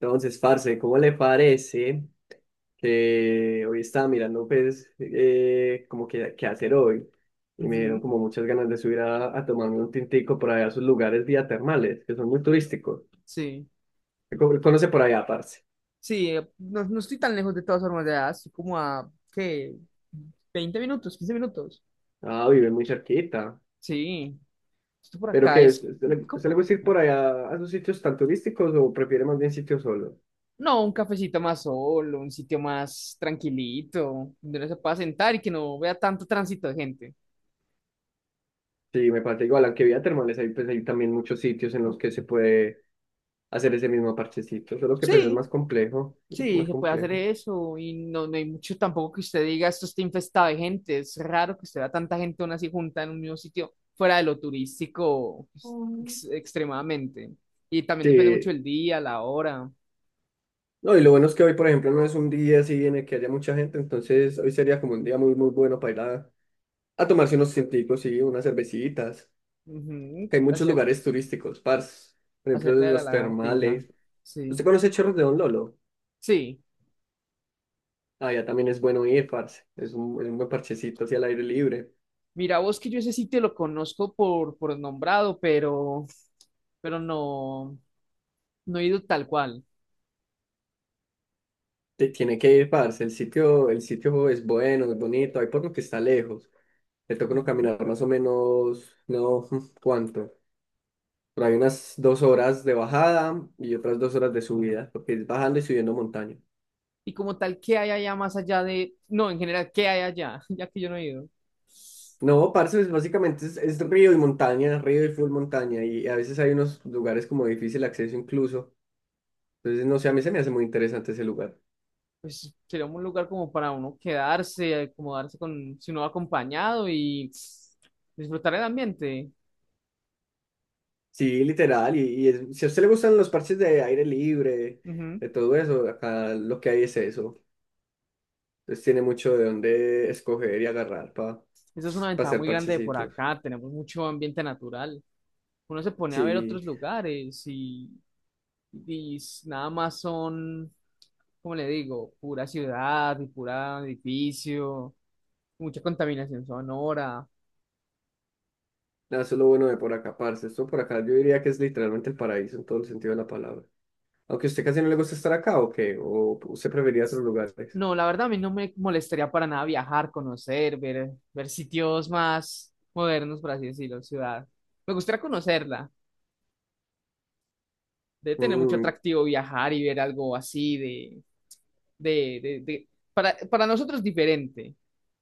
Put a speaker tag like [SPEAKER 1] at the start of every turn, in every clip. [SPEAKER 1] Entonces, parce, ¿cómo le parece que hoy estaba mirando, pues, como que qué hacer hoy? Y me dieron
[SPEAKER 2] Ujú.
[SPEAKER 1] como muchas ganas de subir a tomarme un tintico por allá a sus lugares vía termales, que son muy turísticos.
[SPEAKER 2] Sí,
[SPEAKER 1] ¿Conoce por allá, parce?
[SPEAKER 2] sí, no, no estoy tan lejos de todas formas de allá, estoy como a, ¿qué? 20 minutos, 15 minutos.
[SPEAKER 1] Ah, vive muy cerquita.
[SPEAKER 2] Sí, esto por
[SPEAKER 1] ¿Pero
[SPEAKER 2] acá
[SPEAKER 1] qué?
[SPEAKER 2] es
[SPEAKER 1] ¿Usted usted le
[SPEAKER 2] como-
[SPEAKER 1] gusta ir por allá a esos sitios tan turísticos o prefiere más bien sitios solos?
[SPEAKER 2] no, un cafecito más solo, un sitio más tranquilito, donde uno se pueda sentar y que no vea tanto tránsito de gente.
[SPEAKER 1] Sí, me parece igual, aunque vía termales hay, pues, hay también muchos sitios en los que se puede hacer ese mismo parchecito, solo que pues es
[SPEAKER 2] Sí.
[SPEAKER 1] más complejo, mucho
[SPEAKER 2] Sí,
[SPEAKER 1] más
[SPEAKER 2] se puede hacer
[SPEAKER 1] complejo.
[SPEAKER 2] eso y no, no hay mucho tampoco que usted diga esto está infestado de gente. Es raro que usted vea tanta gente aún así junta en un mismo sitio, fuera de lo turístico pues, extremadamente. Y también depende mucho
[SPEAKER 1] Sí.
[SPEAKER 2] del día, la hora.
[SPEAKER 1] No, y lo bueno es que hoy, por ejemplo, no es un día así en el que haya mucha gente, entonces hoy sería como un día muy, muy bueno para ir a tomarse unos científicos y unas cervecitas.
[SPEAKER 2] Ujú.
[SPEAKER 1] Hay muchos
[SPEAKER 2] Hacer,
[SPEAKER 1] lugares turísticos, parce. Por ejemplo,
[SPEAKER 2] hacerle a la
[SPEAKER 1] los
[SPEAKER 2] lagartija.
[SPEAKER 1] termales. ¿Usted
[SPEAKER 2] Sí.
[SPEAKER 1] conoce Chorros de Don Lolo?
[SPEAKER 2] Sí.
[SPEAKER 1] Allá también es bueno ir, parce. Es un buen parchecito hacia el aire libre.
[SPEAKER 2] Mira, vos que yo ese sitio lo conozco por nombrado, pero no, no he ido tal cual.
[SPEAKER 1] Tiene que ir, parce. El sitio es bueno, es bonito. Hay por lo que está lejos. Le toca uno
[SPEAKER 2] Ujú.
[SPEAKER 1] caminar más o menos, no, ¿cuánto? Pero hay unas dos horas de bajada y otras dos horas de subida, porque es bajando y subiendo montaña.
[SPEAKER 2] Y como tal, ¿qué hay allá más allá de, no, en general, qué hay allá, ya que yo no he ido?
[SPEAKER 1] No, parce, básicamente es río y montaña, río y full montaña, y a veces hay unos lugares como de difícil acceso incluso. Entonces, no sé, a mí se me hace muy interesante ese lugar.
[SPEAKER 2] Pues sería un lugar como para uno quedarse, acomodarse con, si uno va acompañado y tss, disfrutar el ambiente.
[SPEAKER 1] Sí, literal, y si a usted le gustan los parches de aire libre,
[SPEAKER 2] Ujú.
[SPEAKER 1] de todo eso, acá lo que hay es eso. Entonces tiene mucho de dónde escoger y agarrar para
[SPEAKER 2] Eso es una ventaja
[SPEAKER 1] hacer
[SPEAKER 2] muy grande de por
[SPEAKER 1] parchecitos.
[SPEAKER 2] acá, tenemos mucho ambiente natural. Uno se pone a ver otros
[SPEAKER 1] Sí.
[SPEAKER 2] lugares, y nada más son, como le digo, pura ciudad y pura edificio, mucha contaminación sonora.
[SPEAKER 1] Nada, eso es lo bueno de por acá, parce. Esto por acá yo diría que es literalmente el paraíso en todo el sentido de la palabra. Aunque a usted casi no le gusta estar acá, ¿o qué? ¿O usted preferiría otros lugares?
[SPEAKER 2] No, la verdad a mí no me molestaría para nada viajar, conocer, ver, ver sitios más modernos, por así decirlo, ciudad. Me gustaría conocerla. Debe tener mucho
[SPEAKER 1] Mm,
[SPEAKER 2] atractivo viajar y ver algo así de, de, de- para nosotros diferente,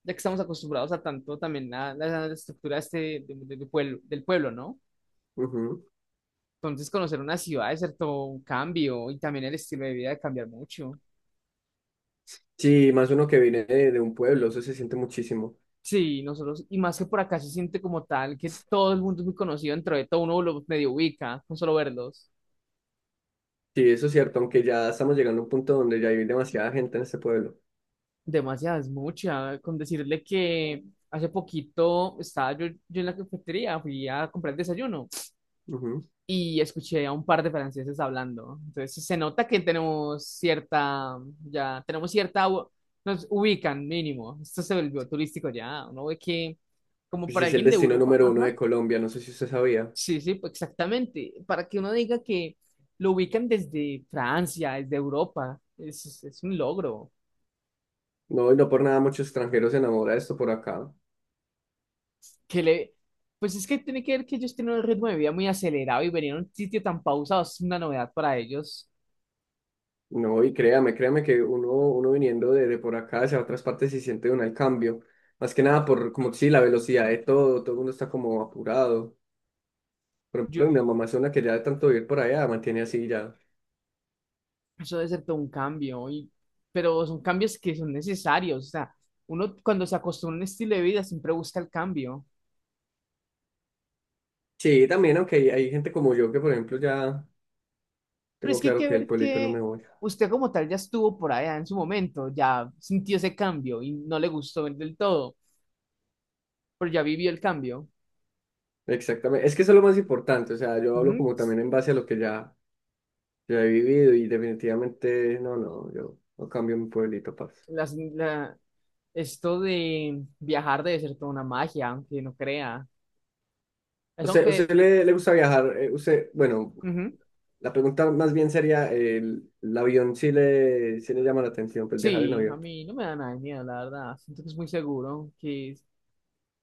[SPEAKER 2] ya que estamos acostumbrados a tanto también a, la estructura de pueblo, del pueblo, ¿no?
[SPEAKER 1] ujú.
[SPEAKER 2] Entonces conocer una ciudad es cierto un cambio y también el estilo de vida de cambiar mucho.
[SPEAKER 1] Sí, más uno que viene de un pueblo, eso se siente muchísimo.
[SPEAKER 2] Sí, nosotros, y más que por acá se siente como tal, que todo el mundo es muy conocido dentro de todo, uno lo medio ubica, con solo verlos.
[SPEAKER 1] Sí, eso es cierto, aunque ya estamos llegando a un punto donde ya hay demasiada gente en este pueblo.
[SPEAKER 2] Demasiado, es mucha, con decirle que hace poquito estaba yo en la cafetería, fui a comprar el desayuno
[SPEAKER 1] Ujú.
[SPEAKER 2] y escuché a un par de franceses hablando. Entonces se nota que tenemos cierta, ya tenemos cierta, nos ubican mínimo. Esto se volvió turístico ya, uno ve que como
[SPEAKER 1] Pues
[SPEAKER 2] para
[SPEAKER 1] es el
[SPEAKER 2] alguien de
[SPEAKER 1] destino
[SPEAKER 2] Europa,
[SPEAKER 1] número uno
[SPEAKER 2] ajá.
[SPEAKER 1] de Colombia, no sé si usted sabía.
[SPEAKER 2] Sí, sí, pues, exactamente. Para que uno diga que lo ubican desde Francia, desde Europa, es un logro.
[SPEAKER 1] No, y no por nada muchos extranjeros se enamoran de esto por acá.
[SPEAKER 2] Que le, pues es que tiene que ver que ellos tienen un ritmo de vida muy acelerado y venir a un sitio tan pausado es una novedad para ellos.
[SPEAKER 1] No, y créame, créame que uno, uno viniendo de por acá hacia otras partes se siente un el cambio. Más que nada por, como sí, la velocidad de todo, todo el mundo está como apurado. Por
[SPEAKER 2] Yo,
[SPEAKER 1] ejemplo, mi mamá es una que ya de tanto vivir por allá mantiene así ya.
[SPEAKER 2] eso debe ser todo un cambio, y, pero son cambios que son necesarios. O sea, uno cuando se acostumbra a un estilo de vida siempre busca el cambio.
[SPEAKER 1] Sí, también, aunque hay gente como yo que, por ejemplo, ya
[SPEAKER 2] Pero
[SPEAKER 1] tengo
[SPEAKER 2] es que hay
[SPEAKER 1] claro
[SPEAKER 2] que
[SPEAKER 1] que del
[SPEAKER 2] ver
[SPEAKER 1] pueblito no me
[SPEAKER 2] que
[SPEAKER 1] voy.
[SPEAKER 2] usted como tal ya estuvo por allá en su momento, ya sintió ese cambio y no le gustó del todo. Pero ya viví el cambio.
[SPEAKER 1] Exactamente, es que eso es lo más importante, o sea, yo hablo
[SPEAKER 2] Ujú.
[SPEAKER 1] como también en base a lo que ya he vivido y definitivamente, no, no, yo no cambio mi pueblito, parce.
[SPEAKER 2] Las- la- Esto de viajar debe ser toda una magia, aunque no crea. Es
[SPEAKER 1] O sea, ¿usted
[SPEAKER 2] aunque,
[SPEAKER 1] le gusta viajar? Usted, bueno,
[SPEAKER 2] ujú,
[SPEAKER 1] la pregunta más bien sería, el avión sí le llama la atención, pues viajar en
[SPEAKER 2] sí, a
[SPEAKER 1] avión.
[SPEAKER 2] mí no me da nada de miedo, la verdad. Siento que es muy seguro,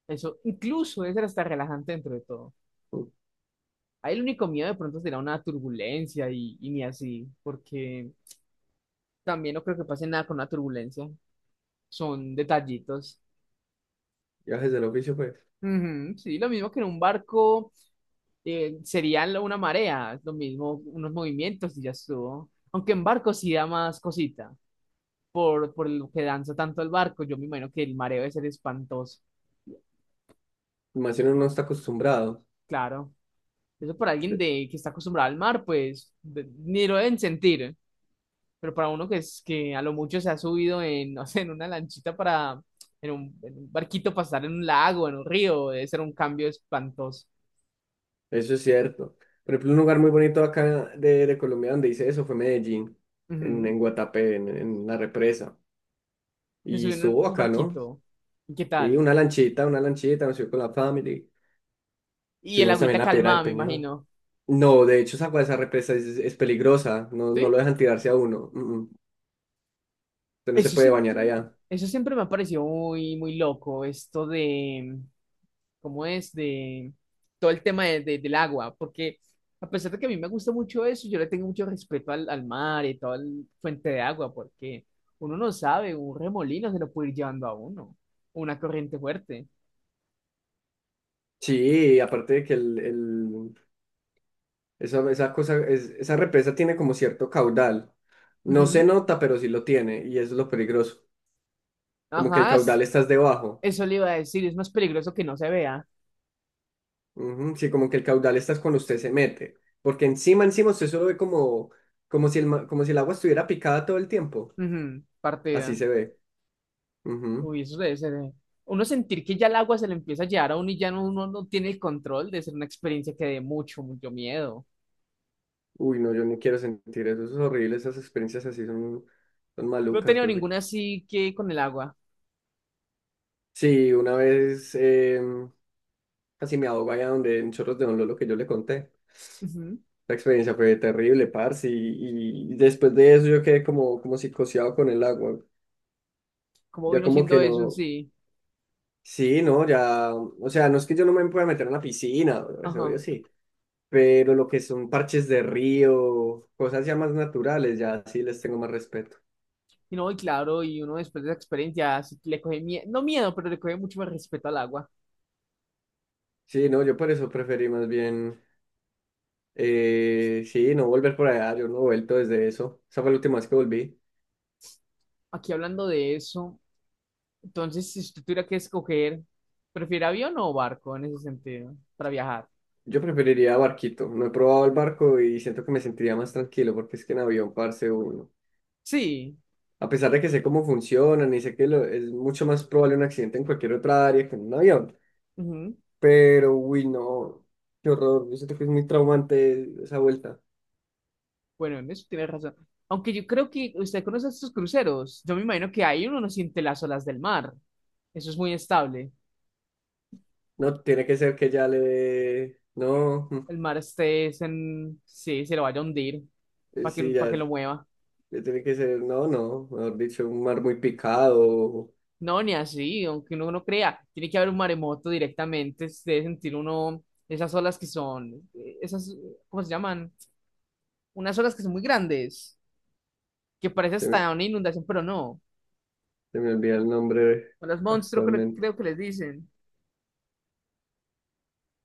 [SPEAKER 2] eso incluso debe ser hasta relajante dentro de todo.
[SPEAKER 1] Mm.
[SPEAKER 2] Ahí el único miedo de pronto será una turbulencia y ni así, porque también no creo que pase nada con una turbulencia. Son detallitos.
[SPEAKER 1] Viajes del oficio, pues.
[SPEAKER 2] Ujú, sí, lo mismo que en un barco sería una marea, lo mismo, unos movimientos y ya estuvo. Aunque en barco sí da más cosita, por lo que danza tanto el barco, yo me imagino que el mareo debe ser espantoso,
[SPEAKER 1] Más si uno no está acostumbrado.
[SPEAKER 2] claro. Eso para alguien
[SPEAKER 1] De-
[SPEAKER 2] de, que está acostumbrado al mar, pues ni lo deben sentir, pero para uno que, es, que a lo mucho se ha subido en, no sé, en una lanchita para, en en un barquito para estar en un lago, en un río, debe ser un cambio espantoso.
[SPEAKER 1] Eso es cierto. Por ejemplo, un lugar muy bonito acá de Colombia donde hice eso fue Medellín,
[SPEAKER 2] Ujú.
[SPEAKER 1] en Guatapé, en la represa.
[SPEAKER 2] Se
[SPEAKER 1] Y
[SPEAKER 2] subió en
[SPEAKER 1] estuvo
[SPEAKER 2] un
[SPEAKER 1] acá, ¿no?
[SPEAKER 2] barquito, ¿y qué
[SPEAKER 1] Sí,
[SPEAKER 2] tal?
[SPEAKER 1] una lanchita, nos fuimos con la family.
[SPEAKER 2] Y el
[SPEAKER 1] Subimos también
[SPEAKER 2] agüita
[SPEAKER 1] la Piedra del
[SPEAKER 2] calmada, me
[SPEAKER 1] Peñón.
[SPEAKER 2] imagino.
[SPEAKER 1] No, de hecho, esa, agua de esa represa es peligrosa. No, no
[SPEAKER 2] ¿Sí?
[SPEAKER 1] lo dejan tirarse a uno. Mm, mm. Usted no se
[SPEAKER 2] Eso
[SPEAKER 1] puede bañar
[SPEAKER 2] siempre,
[SPEAKER 1] allá.
[SPEAKER 2] eso siempre me ha parecido muy, muy loco, esto de, ¿cómo es? De todo el tema del agua, porque a pesar de que a mí me gusta mucho eso, yo le tengo mucho respeto al, al mar y toda la fuente de agua, porque uno no sabe, un remolino se lo puede ir llevando a uno, una corriente fuerte.
[SPEAKER 1] Sí, aparte de que esa, esa cosa, esa represa tiene como cierto caudal. No se
[SPEAKER 2] Ujú.
[SPEAKER 1] nota, pero sí lo tiene, y eso es lo peligroso. Como que el
[SPEAKER 2] Ajá,
[SPEAKER 1] caudal estás debajo.
[SPEAKER 2] eso le iba a decir, es más peligroso que no se vea.
[SPEAKER 1] Ujú. Sí, como que el caudal estás cuando usted se mete. Porque encima usted solo ve como, como si el agua estuviera picada todo el tiempo.
[SPEAKER 2] Ujú.
[SPEAKER 1] Así
[SPEAKER 2] Partida.
[SPEAKER 1] se ve. Ujú.
[SPEAKER 2] Uy, eso debe ser. Uno sentir que ya el agua se le empieza a llevar a uno y ya no, uno no tiene el control de ser una experiencia que dé mucho, mucho miedo.
[SPEAKER 1] Uy, no, yo no quiero sentir eso. Eso es horrible. Esas experiencias así son
[SPEAKER 2] No he
[SPEAKER 1] malucas.
[SPEAKER 2] tenido ninguna así que con el agua.
[SPEAKER 1] Sí, una vez casi me ahogo allá donde en Chorros de Don Lolo que yo le conté.
[SPEAKER 2] Ujú.
[SPEAKER 1] La experiencia fue terrible, parce, y después de eso yo quedé como, como psicoseado con el agua.
[SPEAKER 2] ¿Cómo
[SPEAKER 1] Ya
[SPEAKER 2] vino
[SPEAKER 1] como
[SPEAKER 2] siendo
[SPEAKER 1] que
[SPEAKER 2] eso en
[SPEAKER 1] no,
[SPEAKER 2] sí?
[SPEAKER 1] sí, no, ya, o sea, no es que yo no me pueda meter en la piscina, eso obvio
[SPEAKER 2] Ajá.
[SPEAKER 1] sí, pero lo que son parches de río, cosas ya más naturales, ya sí les tengo más respeto.
[SPEAKER 2] Y no, y claro, y uno después de esa experiencia así que le coge miedo, no miedo, pero le coge mucho más respeto al agua.
[SPEAKER 1] Sí, no, yo por eso preferí más bien, sí, no volver por allá, yo no he vuelto desde eso, esa fue la última vez que volví.
[SPEAKER 2] Aquí hablando de eso, entonces si usted tuviera que escoger, ¿prefiere avión o barco en ese sentido para viajar?
[SPEAKER 1] Yo preferiría barquito, no he probado el barco y siento que me sentiría más tranquilo porque es que en avión, parce, uno.
[SPEAKER 2] Sí.
[SPEAKER 1] A pesar de que sé cómo funcionan y sé que es mucho más probable un accidente en cualquier otra área que en un avión.
[SPEAKER 2] Ujú.
[SPEAKER 1] Pero, uy, no, qué horror. Yo siento que es muy traumante esa vuelta.
[SPEAKER 2] Bueno, en eso tienes razón. Aunque yo creo que usted conoce estos cruceros. Yo me imagino que ahí uno no siente las olas del mar. Eso es muy estable.
[SPEAKER 1] No, tiene que ser que ya no,
[SPEAKER 2] El mar este es en... Sí, se lo vaya a hundir
[SPEAKER 1] sí,
[SPEAKER 2] para que lo mueva.
[SPEAKER 1] ya tiene que ser. No, no, mejor dicho, un mar muy picado.
[SPEAKER 2] No, ni así, aunque uno no crea. Tiene que haber un maremoto directamente. Se debe sentir uno esas olas que son... Esas, ¿cómo se llaman? Unas olas que son muy grandes. Que parece
[SPEAKER 1] Se me,
[SPEAKER 2] hasta una inundación, pero no.
[SPEAKER 1] se me olvida el nombre
[SPEAKER 2] Olas monstruo, creo
[SPEAKER 1] actualmente.
[SPEAKER 2] creo que les dicen.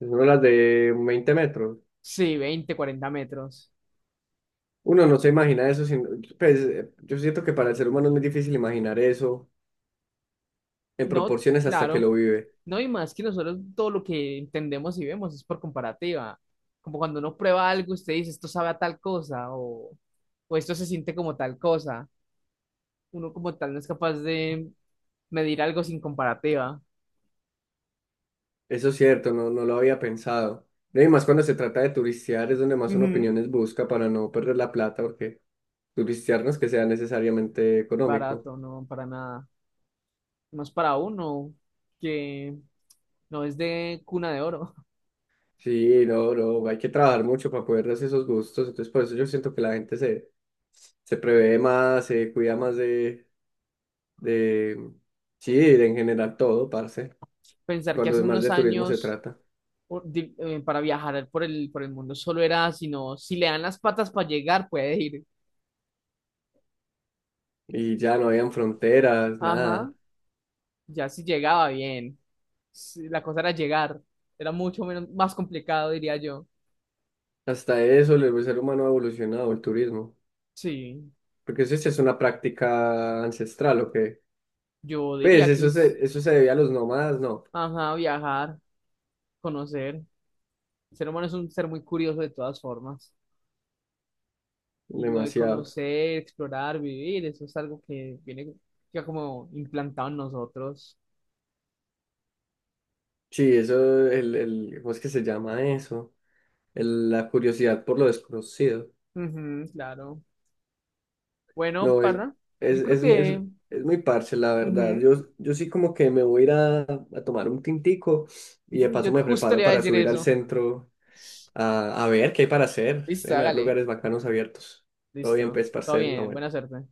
[SPEAKER 1] Es una de las de 20 metros.
[SPEAKER 2] Sí, 20, 40 metros.
[SPEAKER 1] Uno no se imagina eso. Sin, pues, yo siento que para el ser humano es muy difícil imaginar eso en
[SPEAKER 2] No,
[SPEAKER 1] proporciones hasta que
[SPEAKER 2] claro.
[SPEAKER 1] lo vive.
[SPEAKER 2] No y más que nosotros todo lo que entendemos y vemos es por comparativa. Como cuando uno prueba algo, usted dice, esto sabe a tal cosa o esto se siente como tal cosa. Uno como tal no es capaz de medir algo sin comparativa.
[SPEAKER 1] Eso es cierto, no, no lo había pensado. No, y más cuando se trata de turistear es donde más uno
[SPEAKER 2] Ujú.
[SPEAKER 1] opiniones busca para no perder la plata, porque turistear no es que sea necesariamente económico.
[SPEAKER 2] Barato, no, para nada. Más para uno que no es de cuna de oro.
[SPEAKER 1] Sí, no, no, hay que trabajar mucho para poder darse esos gustos. Entonces, por eso yo siento que la gente se, se prevé más, se cuida más de, sí, de en general todo, parce. Y
[SPEAKER 2] Pensar que
[SPEAKER 1] cuando
[SPEAKER 2] hace
[SPEAKER 1] más
[SPEAKER 2] unos
[SPEAKER 1] de turismo se
[SPEAKER 2] años
[SPEAKER 1] trata.
[SPEAKER 2] para viajar por el mundo solo era, sino si le dan las patas para llegar, puede ir.
[SPEAKER 1] Y ya no habían fronteras,
[SPEAKER 2] Ajá,
[SPEAKER 1] nada.
[SPEAKER 2] ya si llegaba bien. Sí, la cosa era llegar. Era mucho menos, más complicado, diría yo.
[SPEAKER 1] Hasta eso, el ser humano ha evolucionado, el turismo.
[SPEAKER 2] Sí,
[SPEAKER 1] Porque eso sí es una práctica ancestral, ¿o qué?
[SPEAKER 2] yo
[SPEAKER 1] Pues
[SPEAKER 2] diría que es,
[SPEAKER 1] eso se debía a los nómadas, no,
[SPEAKER 2] ajá, viajar, conocer. El ser humano es un ser muy curioso de todas formas. Y lo de
[SPEAKER 1] demasiado.
[SPEAKER 2] conocer, explorar, vivir, eso es algo que viene ya como implantado en nosotros.
[SPEAKER 1] Sí, eso, ¿cómo es que se llama eso? La curiosidad por lo desconocido.
[SPEAKER 2] Ujú, claro. Bueno,
[SPEAKER 1] No,
[SPEAKER 2] parra,
[SPEAKER 1] es,
[SPEAKER 2] yo creo
[SPEAKER 1] es, es,
[SPEAKER 2] que...
[SPEAKER 1] es muy parche, la verdad.
[SPEAKER 2] ujú,
[SPEAKER 1] Yo sí como que me voy a ir a tomar un tintico y de
[SPEAKER 2] ujú, yo
[SPEAKER 1] paso me
[SPEAKER 2] justo le
[SPEAKER 1] preparo
[SPEAKER 2] iba a
[SPEAKER 1] para
[SPEAKER 2] decir
[SPEAKER 1] subir al
[SPEAKER 2] eso.
[SPEAKER 1] centro a ver qué hay para hacer.
[SPEAKER 2] Listo,
[SPEAKER 1] Deben haber
[SPEAKER 2] hágale.
[SPEAKER 1] lugares bacanos abiertos. Todo bien,
[SPEAKER 2] Listo.
[SPEAKER 1] pues,
[SPEAKER 2] Todo
[SPEAKER 1] parcero, la
[SPEAKER 2] bien, buena
[SPEAKER 1] buena.
[SPEAKER 2] suerte.